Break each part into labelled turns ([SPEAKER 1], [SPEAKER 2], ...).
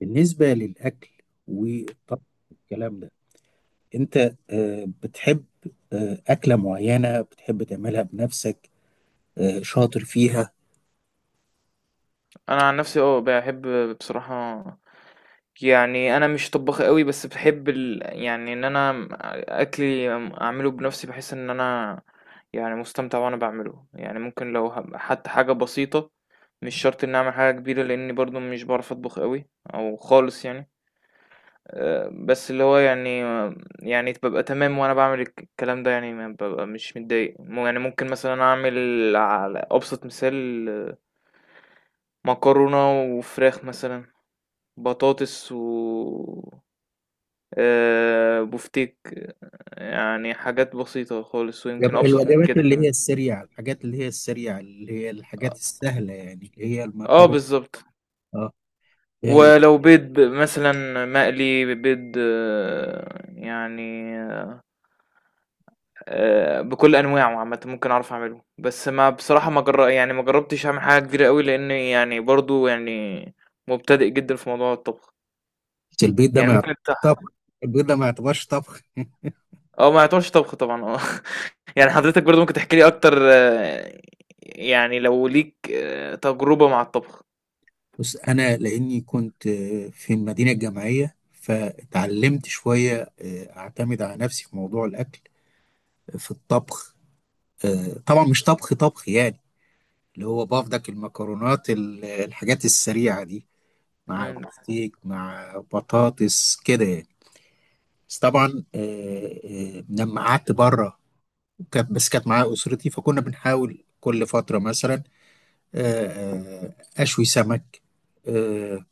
[SPEAKER 1] بالنسبة للأكل والطبخ والكلام ده، أنت بتحب أكلة معينة بتحب تعملها بنفسك، شاطر فيها؟
[SPEAKER 2] انا عن نفسي اه بحب بصراحة. يعني انا مش طباخ قوي، بس بحب يعني ان انا اكلي اعمله بنفسي، بحس ان انا يعني مستمتع وانا بعمله. يعني ممكن حتى حاجة بسيطة، مش شرط اني اعمل حاجة كبيرة، لاني برضو مش بعرف اطبخ قوي او خالص يعني. بس اللي هو يعني، يعني ببقى تمام وانا بعمل الكلام ده، يعني ما ببقى مش متضايق يعني ممكن مثلا اعمل على ابسط مثال مكرونة وفراخ مثلا، بطاطس و بفتيك، يعني حاجات بسيطة خالص ويمكن
[SPEAKER 1] يبقى
[SPEAKER 2] أبسط من
[SPEAKER 1] الوجبات
[SPEAKER 2] كده
[SPEAKER 1] اللي هي
[SPEAKER 2] كمان.
[SPEAKER 1] السريعة، الحاجات اللي هي السريعة، اللي هي الحاجات
[SPEAKER 2] اه،
[SPEAKER 1] السهلة، يعني اللي هي
[SPEAKER 2] آه،
[SPEAKER 1] المكرونة.
[SPEAKER 2] بالظبط.
[SPEAKER 1] اه. هي الح-
[SPEAKER 2] ولو بيض مثلا مقلي بيض آه، يعني آه، بكل انواعه عامه ممكن اعرف اعمله، بس ما بصراحه ما جر... يعني ما جربتش اعمل حاجه كبيره قوي، لان يعني برضو يعني مبتدئ جدا في موضوع الطبخ.
[SPEAKER 1] البيض ده
[SPEAKER 2] يعني
[SPEAKER 1] ما يعتبرش
[SPEAKER 2] ممكن.
[SPEAKER 1] طبخ طبخ.
[SPEAKER 2] آه، ما يعتبرش طبخ طبعًا، آه. يعني حضرتك برضه ممكن تحكي لي أكتر آه، يعني لو ليك آه، تجربة مع الطبخ؟
[SPEAKER 1] بس أنا لأني كنت في المدينة الجامعية، فتعلمت شوية أعتمد على نفسي في موضوع الأكل، في الطبخ. طبعا مش طبخ طبخ يعني، اللي هو بافضك الحاجات السريعة دي، مع
[SPEAKER 2] إمم.
[SPEAKER 1] بفتيك مع بطاطس كده يعني. بس طبعا، لما قعدت بره، كانت معايا أسرتي، فكنا بنحاول كل فترة مثلا، آه، آه، أشوي سمك، آه،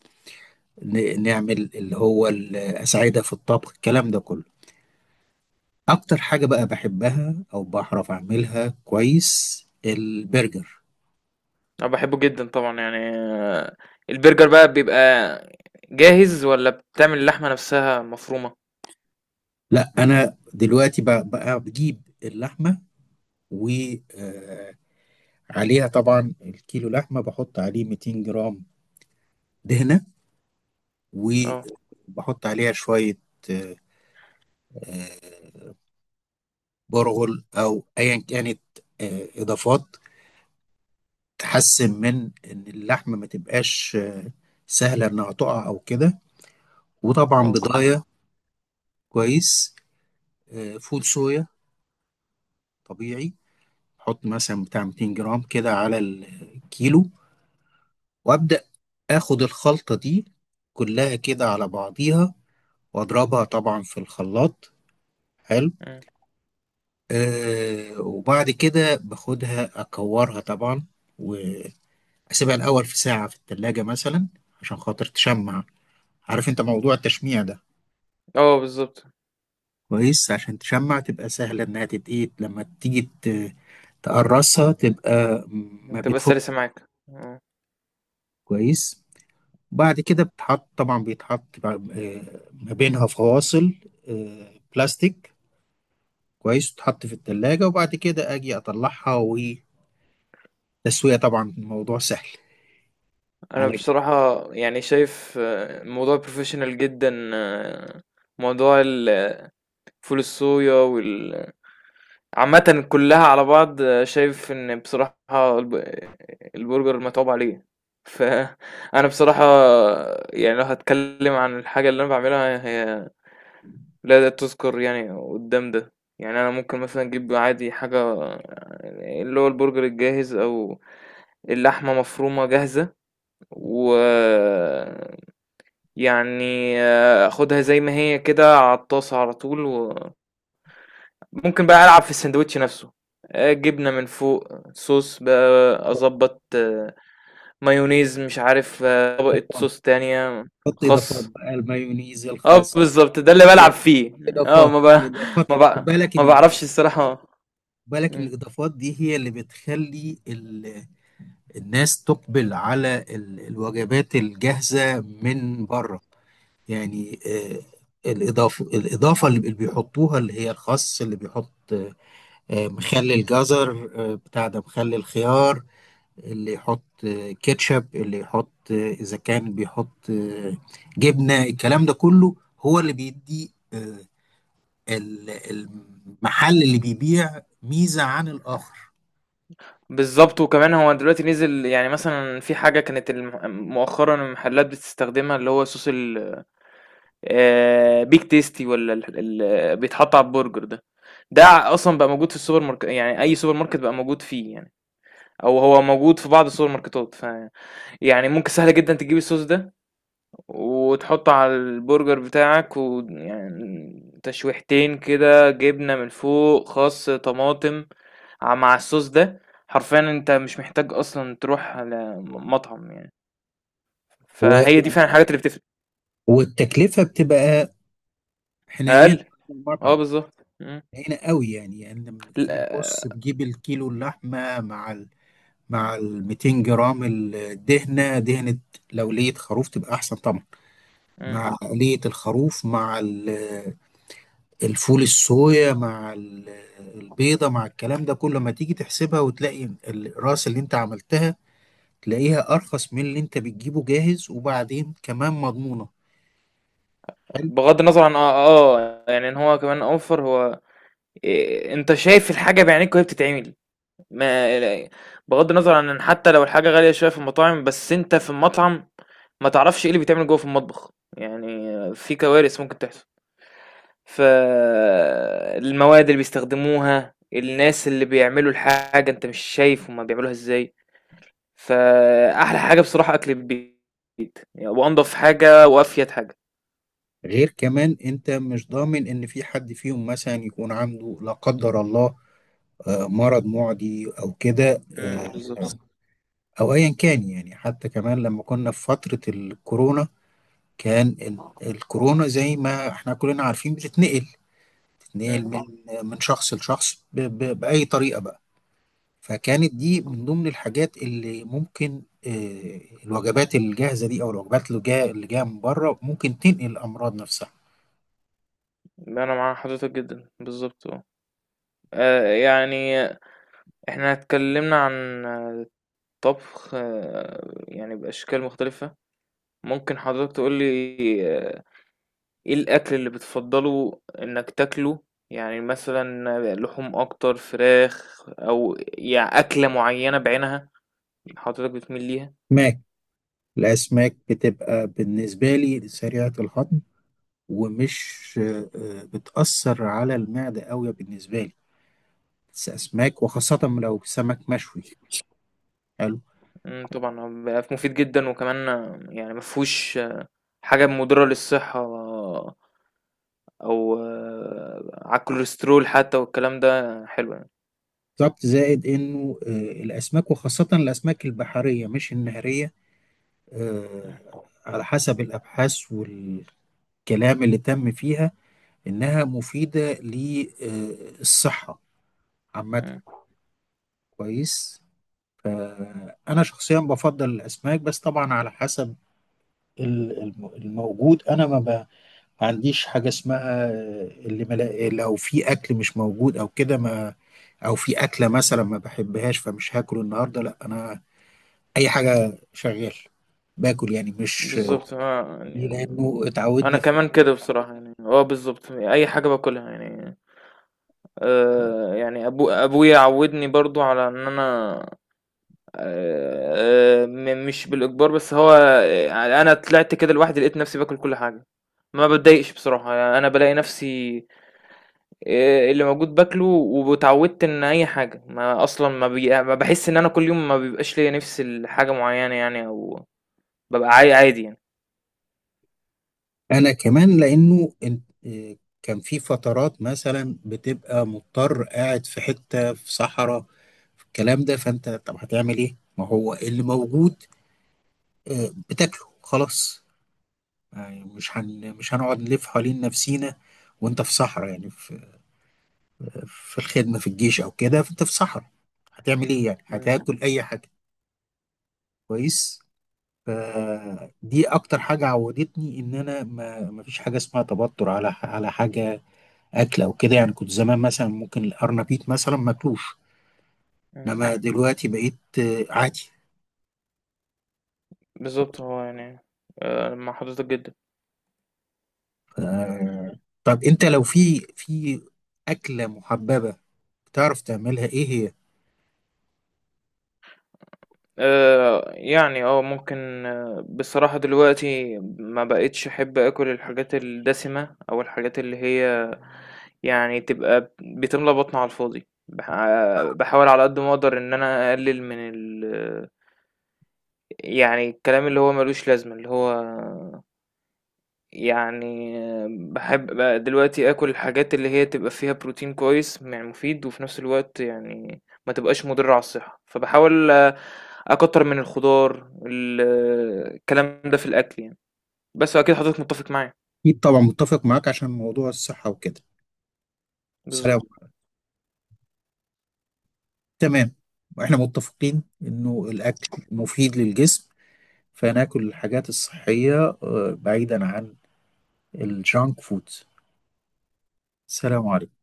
[SPEAKER 1] نعمل اللي هو الأساعدة في الطبخ الكلام ده كله. أكتر حاجة بقى بحبها أو بعرف أعملها كويس البرجر.
[SPEAKER 2] أنا باحبه جدًا طبعًا يعني آه، البرجر بقى بيبقى جاهز والّا بتعمل اللحمة نفسها مفرومة؟
[SPEAKER 1] لا، انا دلوقتي بقى بجيب اللحمه وعليها، طبعا الكيلو لحمه بحط عليه 200 جرام دهنه،
[SPEAKER 2] آه،
[SPEAKER 1] وبحط عليها شويه آه، آه، برغل او ايا كانت اضافات تحسن من ان اللحمه ما تبقاش سهله انها تقع او كده. وطبعا
[SPEAKER 2] آه،
[SPEAKER 1] بضايه كويس فول صويا طبيعي، احط مثلا بتاع 200 جرام كده على الكيلو، وابدا اخد الخلطة دي كلها كده على بعضيها، واضربها طبعا في الخلاط. حلو.
[SPEAKER 2] إمم.
[SPEAKER 1] آه، وبعد كده باخدها اكورها طبعا، واسيبها الاول في ساعة في التلاجة مثلا، عشان خاطر تشمع. عارف انت موضوع التشميع ده؟
[SPEAKER 2] آه، بالضبط.
[SPEAKER 1] كويس، عشان تشمع تبقى سهلة انها تتقيت لما تيجي تقرصها، تبقى ما
[SPEAKER 2] بتبقى
[SPEAKER 1] بتفك
[SPEAKER 2] سلسة معاك، آه.
[SPEAKER 1] كويس. بعد كده بتحط طبعا، ما بينها فواصل بلاستيك كويس، تتحط في التلاجة، وبعد كده أجي أطلعها وتسوية. طبعا الموضوع سهل
[SPEAKER 2] أنا
[SPEAKER 1] على
[SPEAKER 2] بصراحة يعني شايف آه، الموضوع professional جدًا آه، موضوع ال فول الصويا وال عامةً كلّها على بعض آه، شايف إن بصراحة الب البرجر متعوب عليه، فأنا بصراحة يعني لو هاتكلّم عن الحاجة اللي أنا باعملها، هي لا تُذكر يعني قدّام ده. يعني أنا ممكن مثلًا أجيب عادي حاجة، اللي هو البرجر الجاهز أو اللحمة مفرومة جاهزة، ويعني آخُدها زي ما هي كده على الطاسة على طول و ممكن بقى ألعب في الساندوتش نفسه، جبنة من فوق، صوص بقى أضبّط، مايونيز، مش عارف آه، طبقة
[SPEAKER 1] إضافات.
[SPEAKER 2] صوص تانية،
[SPEAKER 1] حط إضافات
[SPEAKER 2] خس.
[SPEAKER 1] بقى، المايونيز،
[SPEAKER 2] آه،
[SPEAKER 1] الخس.
[SPEAKER 2] بالضبط، ده اللي بالعب
[SPEAKER 1] جايب
[SPEAKER 2] فيه. آه
[SPEAKER 1] إضافات.
[SPEAKER 2] ما ب
[SPEAKER 1] الإضافات
[SPEAKER 2] ما
[SPEAKER 1] خد
[SPEAKER 2] ب
[SPEAKER 1] بالك إن
[SPEAKER 2] ما باعرفش
[SPEAKER 1] الإضافات
[SPEAKER 2] الصراحة.
[SPEAKER 1] خد بالك إن
[SPEAKER 2] إمم.
[SPEAKER 1] الإضافات دي هي اللي بتخلي ال... الناس تقبل على ال... الوجبات الجاهزة من بره. يعني الإضافة اللي بيحطوها، اللي هي الخس، اللي بيحط مخلل جزر، بتاع ده مخلل خيار، اللي يحط كاتشب، اللي يحط اذا كان بيحط جبنه، الكلام ده كله هو اللي بيدي المحل اللي بيبيع ميزه عن الاخر.
[SPEAKER 2] بالضبط، وكمان هو دلوقتي نزل يعني مثلًا في حاجة كانت مؤخرًا المحلات بتستخدمها، اللي هو صوص ال big tasty والّا ال بيتحط على البرجر ده، ده أصلًا بقى موجود في السوبر مارك، يعني أي سوبر ماركت بقى موجود فيه يعني. او هو موجود في بعض السوبر ماركتات، ف يعني ممكن سهل جدا تجيب الصوص ده وتحطه على البرجر بتاعك، ويعني تشويحتين كده، جبنة من فوق، خس، طماطم مع الصوص ده، حرفيا انت مش محتاج اصلا تروح على مطعم يعني. فهي
[SPEAKER 1] و-
[SPEAKER 2] دي فعلا الحاجات اللي بتفرق.
[SPEAKER 1] والتكلفه بتبقى حنينه
[SPEAKER 2] اقل.
[SPEAKER 1] على
[SPEAKER 2] اه،
[SPEAKER 1] المطعم،
[SPEAKER 2] بالظبط، مم.
[SPEAKER 1] حنينه قوي يعني. يعني لما تيجي تبص
[SPEAKER 2] لا،
[SPEAKER 1] تجيب الكيلو اللحمه مع ال 200 جرام الدهنه، لو لية خروف تبقى احسن طبعا،
[SPEAKER 2] مم.
[SPEAKER 1] مع لية الخروف، مع الفول الصويا، مع البيضة، مع الكلام ده كله، ما تيجي تحسبها وتلاقي الراس اللي انت عملتها، تلاقيها ارخص من اللي انت بتجيبه جاهز، وبعدين كمان مضمونة. حلو.
[SPEAKER 2] بغض النظر عن اه، آه يعني ان هو كمان اوفر، هو إيه، انت شايف الحاجة بعينيك وهي بتتعمل. ما لا- بغض النظر عن ان حتى لو الحاجة غالية شوية في المطاعم، بس انت في المطعم ما تعرفش ايه اللي بيتعمل جوه في المطبخ، يعني في كوارث ممكن تحصل. فالمواد اللي بيستخدموها، الناس اللي بيعملوا الحاجة انت مش شايف هما بيعملوها ازاي. فأحلى حاجة بصراحة أكل البيت، يعني وأنضف حاجة وأفيد حاجة.
[SPEAKER 1] غير كمان انت مش ضامن ان في حد فيهم مثلا يكون عنده، لا قدر الله، مرض معدي او كده،
[SPEAKER 2] امم، بالظبط.
[SPEAKER 1] او ايا كان يعني. حتى كمان لما كنا في فترة الكورونا، كان الكورونا زي ما احنا كلنا عارفين بتتنقل، نقل
[SPEAKER 2] امم.
[SPEAKER 1] من من شخص لشخص بأي طريقة بقى. فكانت دي من ضمن الحاجات اللي ممكن، الوجبات الجاهزة دي أو الوجبات اللي جاية، من بره، ممكن تنقل الأمراض نفسها.
[SPEAKER 2] أنا مع حضرتك جدا، بالظبط اه. آه، يعني احنا اتكلمنا عن طبخ آه، يعني بأشكال مختلفة، ممكن حضرتك تقول لي آه، إيه الأكل اللي بتفضّله إنك تاكله؟ يعني مثلًا لحوم أكتر، فراخ، أو يع أكلة معيّنة بعينها حضرتك بتميل ليها؟
[SPEAKER 1] أسماك. الأسماك بتبقى بالنسبة لي سريعة الهضم، ومش بتأثر على المعدة قوي بالنسبة لي. بس أسماك، وخاصة لو سمك مشوي. حلو.
[SPEAKER 2] إمم، طبعًا هو بيبقى مفيد جدًا، وكمان آه، يعني ما فيهوش حاجة مضرة للصحة آه، أو آه، على الكوليسترول حتى، والكلام ده حلو يعني.
[SPEAKER 1] بالظبط، زائد انه الاسماك وخاصه الاسماك البحريه مش النهريه، آه،
[SPEAKER 2] إمم.
[SPEAKER 1] على حسب الأبحاث والكلام اللي تم فيها، إنها مفيدة للصحة عامة.
[SPEAKER 2] إمم،
[SPEAKER 1] كويس. فأنا شخصيا بفضل الأسماك، بس طبعا على حسب الموجود. أنا ما عنديش حاجة اسمها اللي ملا... لو في أكل مش موجود أو كده، ما، أو في أكلة مثلا ما بحبهاش فمش هاكل النهاردة، لا أنا أي حاجة شغال باكل يعني، مش
[SPEAKER 2] بالضبط آه. يعني
[SPEAKER 1] لأنه
[SPEAKER 2] أنا
[SPEAKER 1] اتعودنا.
[SPEAKER 2] كمان كده بصراحة يعني، آه بالضبط، أي حاجة باكلها يعني. يعني أبويا عوّدني برضه على إن أنا م مش بالإجبار، بس هو أنا طلعت كده لوحدي، لقيت نفسي باكل كل حاجة، ما باتضايقش بصراحة. يعني أنا بالاقي نفسي اللي موجود باكله، واتعودت إن أي حاجة، ما أصلًا ما باحس إن أنا كل يوم ما بيبقاش ليّا نِفْس لحاجة معيّنة يعني، أو بابقى عادي يعني.
[SPEAKER 1] انا كمان لانه إيه، كان في فترات مثلا بتبقى مضطر قاعد في حتة في صحراء في الكلام ده، فانت طب هتعمل ايه؟ ما هو اللي موجود بتاكله خلاص. يعني مش هنقعد نلف حوالين نفسينا وانت في صحراء، يعني في الخدمة في الجيش او كده، فانت في صحراء هتعمل ايه؟ يعني
[SPEAKER 2] إمم.
[SPEAKER 1] هتاكل اي حاجة. كويس. فدي اكتر حاجة عودتني ان انا ما فيش حاجة اسمها توتر على على حاجة، اكل او كده يعني. كنت زمان مثلا ممكن الارنبيط مثلا ماكلوش،
[SPEAKER 2] إمم،
[SPEAKER 1] انما دلوقتي بقيت عادي.
[SPEAKER 2] بالضبط، هو يعني مع حضرتك جدًا.
[SPEAKER 1] طب انت لو في اكله محببه بتعرف تعملها، ايه هي؟
[SPEAKER 2] يعني آه، ممكن آه، بصراحة دلوقتي ما بقيتش أحب آكل الحاجات الدسمة، أو الحاجات اللي هي يعني تبقى بتملى بطني على الفاضي. باحاول على قد ما أقدر إن أنا أقلل من ال يعني الكلام اللي هو ما لوش لازمة، اللي هو يعني باحب بقى دلوقتي آكل الحاجات اللي هي تبقى فيها بروتين كويس، يعني مفيد، وفي نفس الوقت يعني ما تبقاش مضرة على الصحة. فباحاول أكتر من الخضار الكلام ده في الأكل يعني، بس أكيد حضرتك متفق معايا.
[SPEAKER 1] اكيد طبعا متفق معاك عشان موضوع الصحه وكده. سلام.
[SPEAKER 2] بالظبط.
[SPEAKER 1] تمام. واحنا متفقين انه الاكل مفيد للجسم، فناكل الحاجات الصحيه بعيدا عن الجانك فود. سلام عليكم.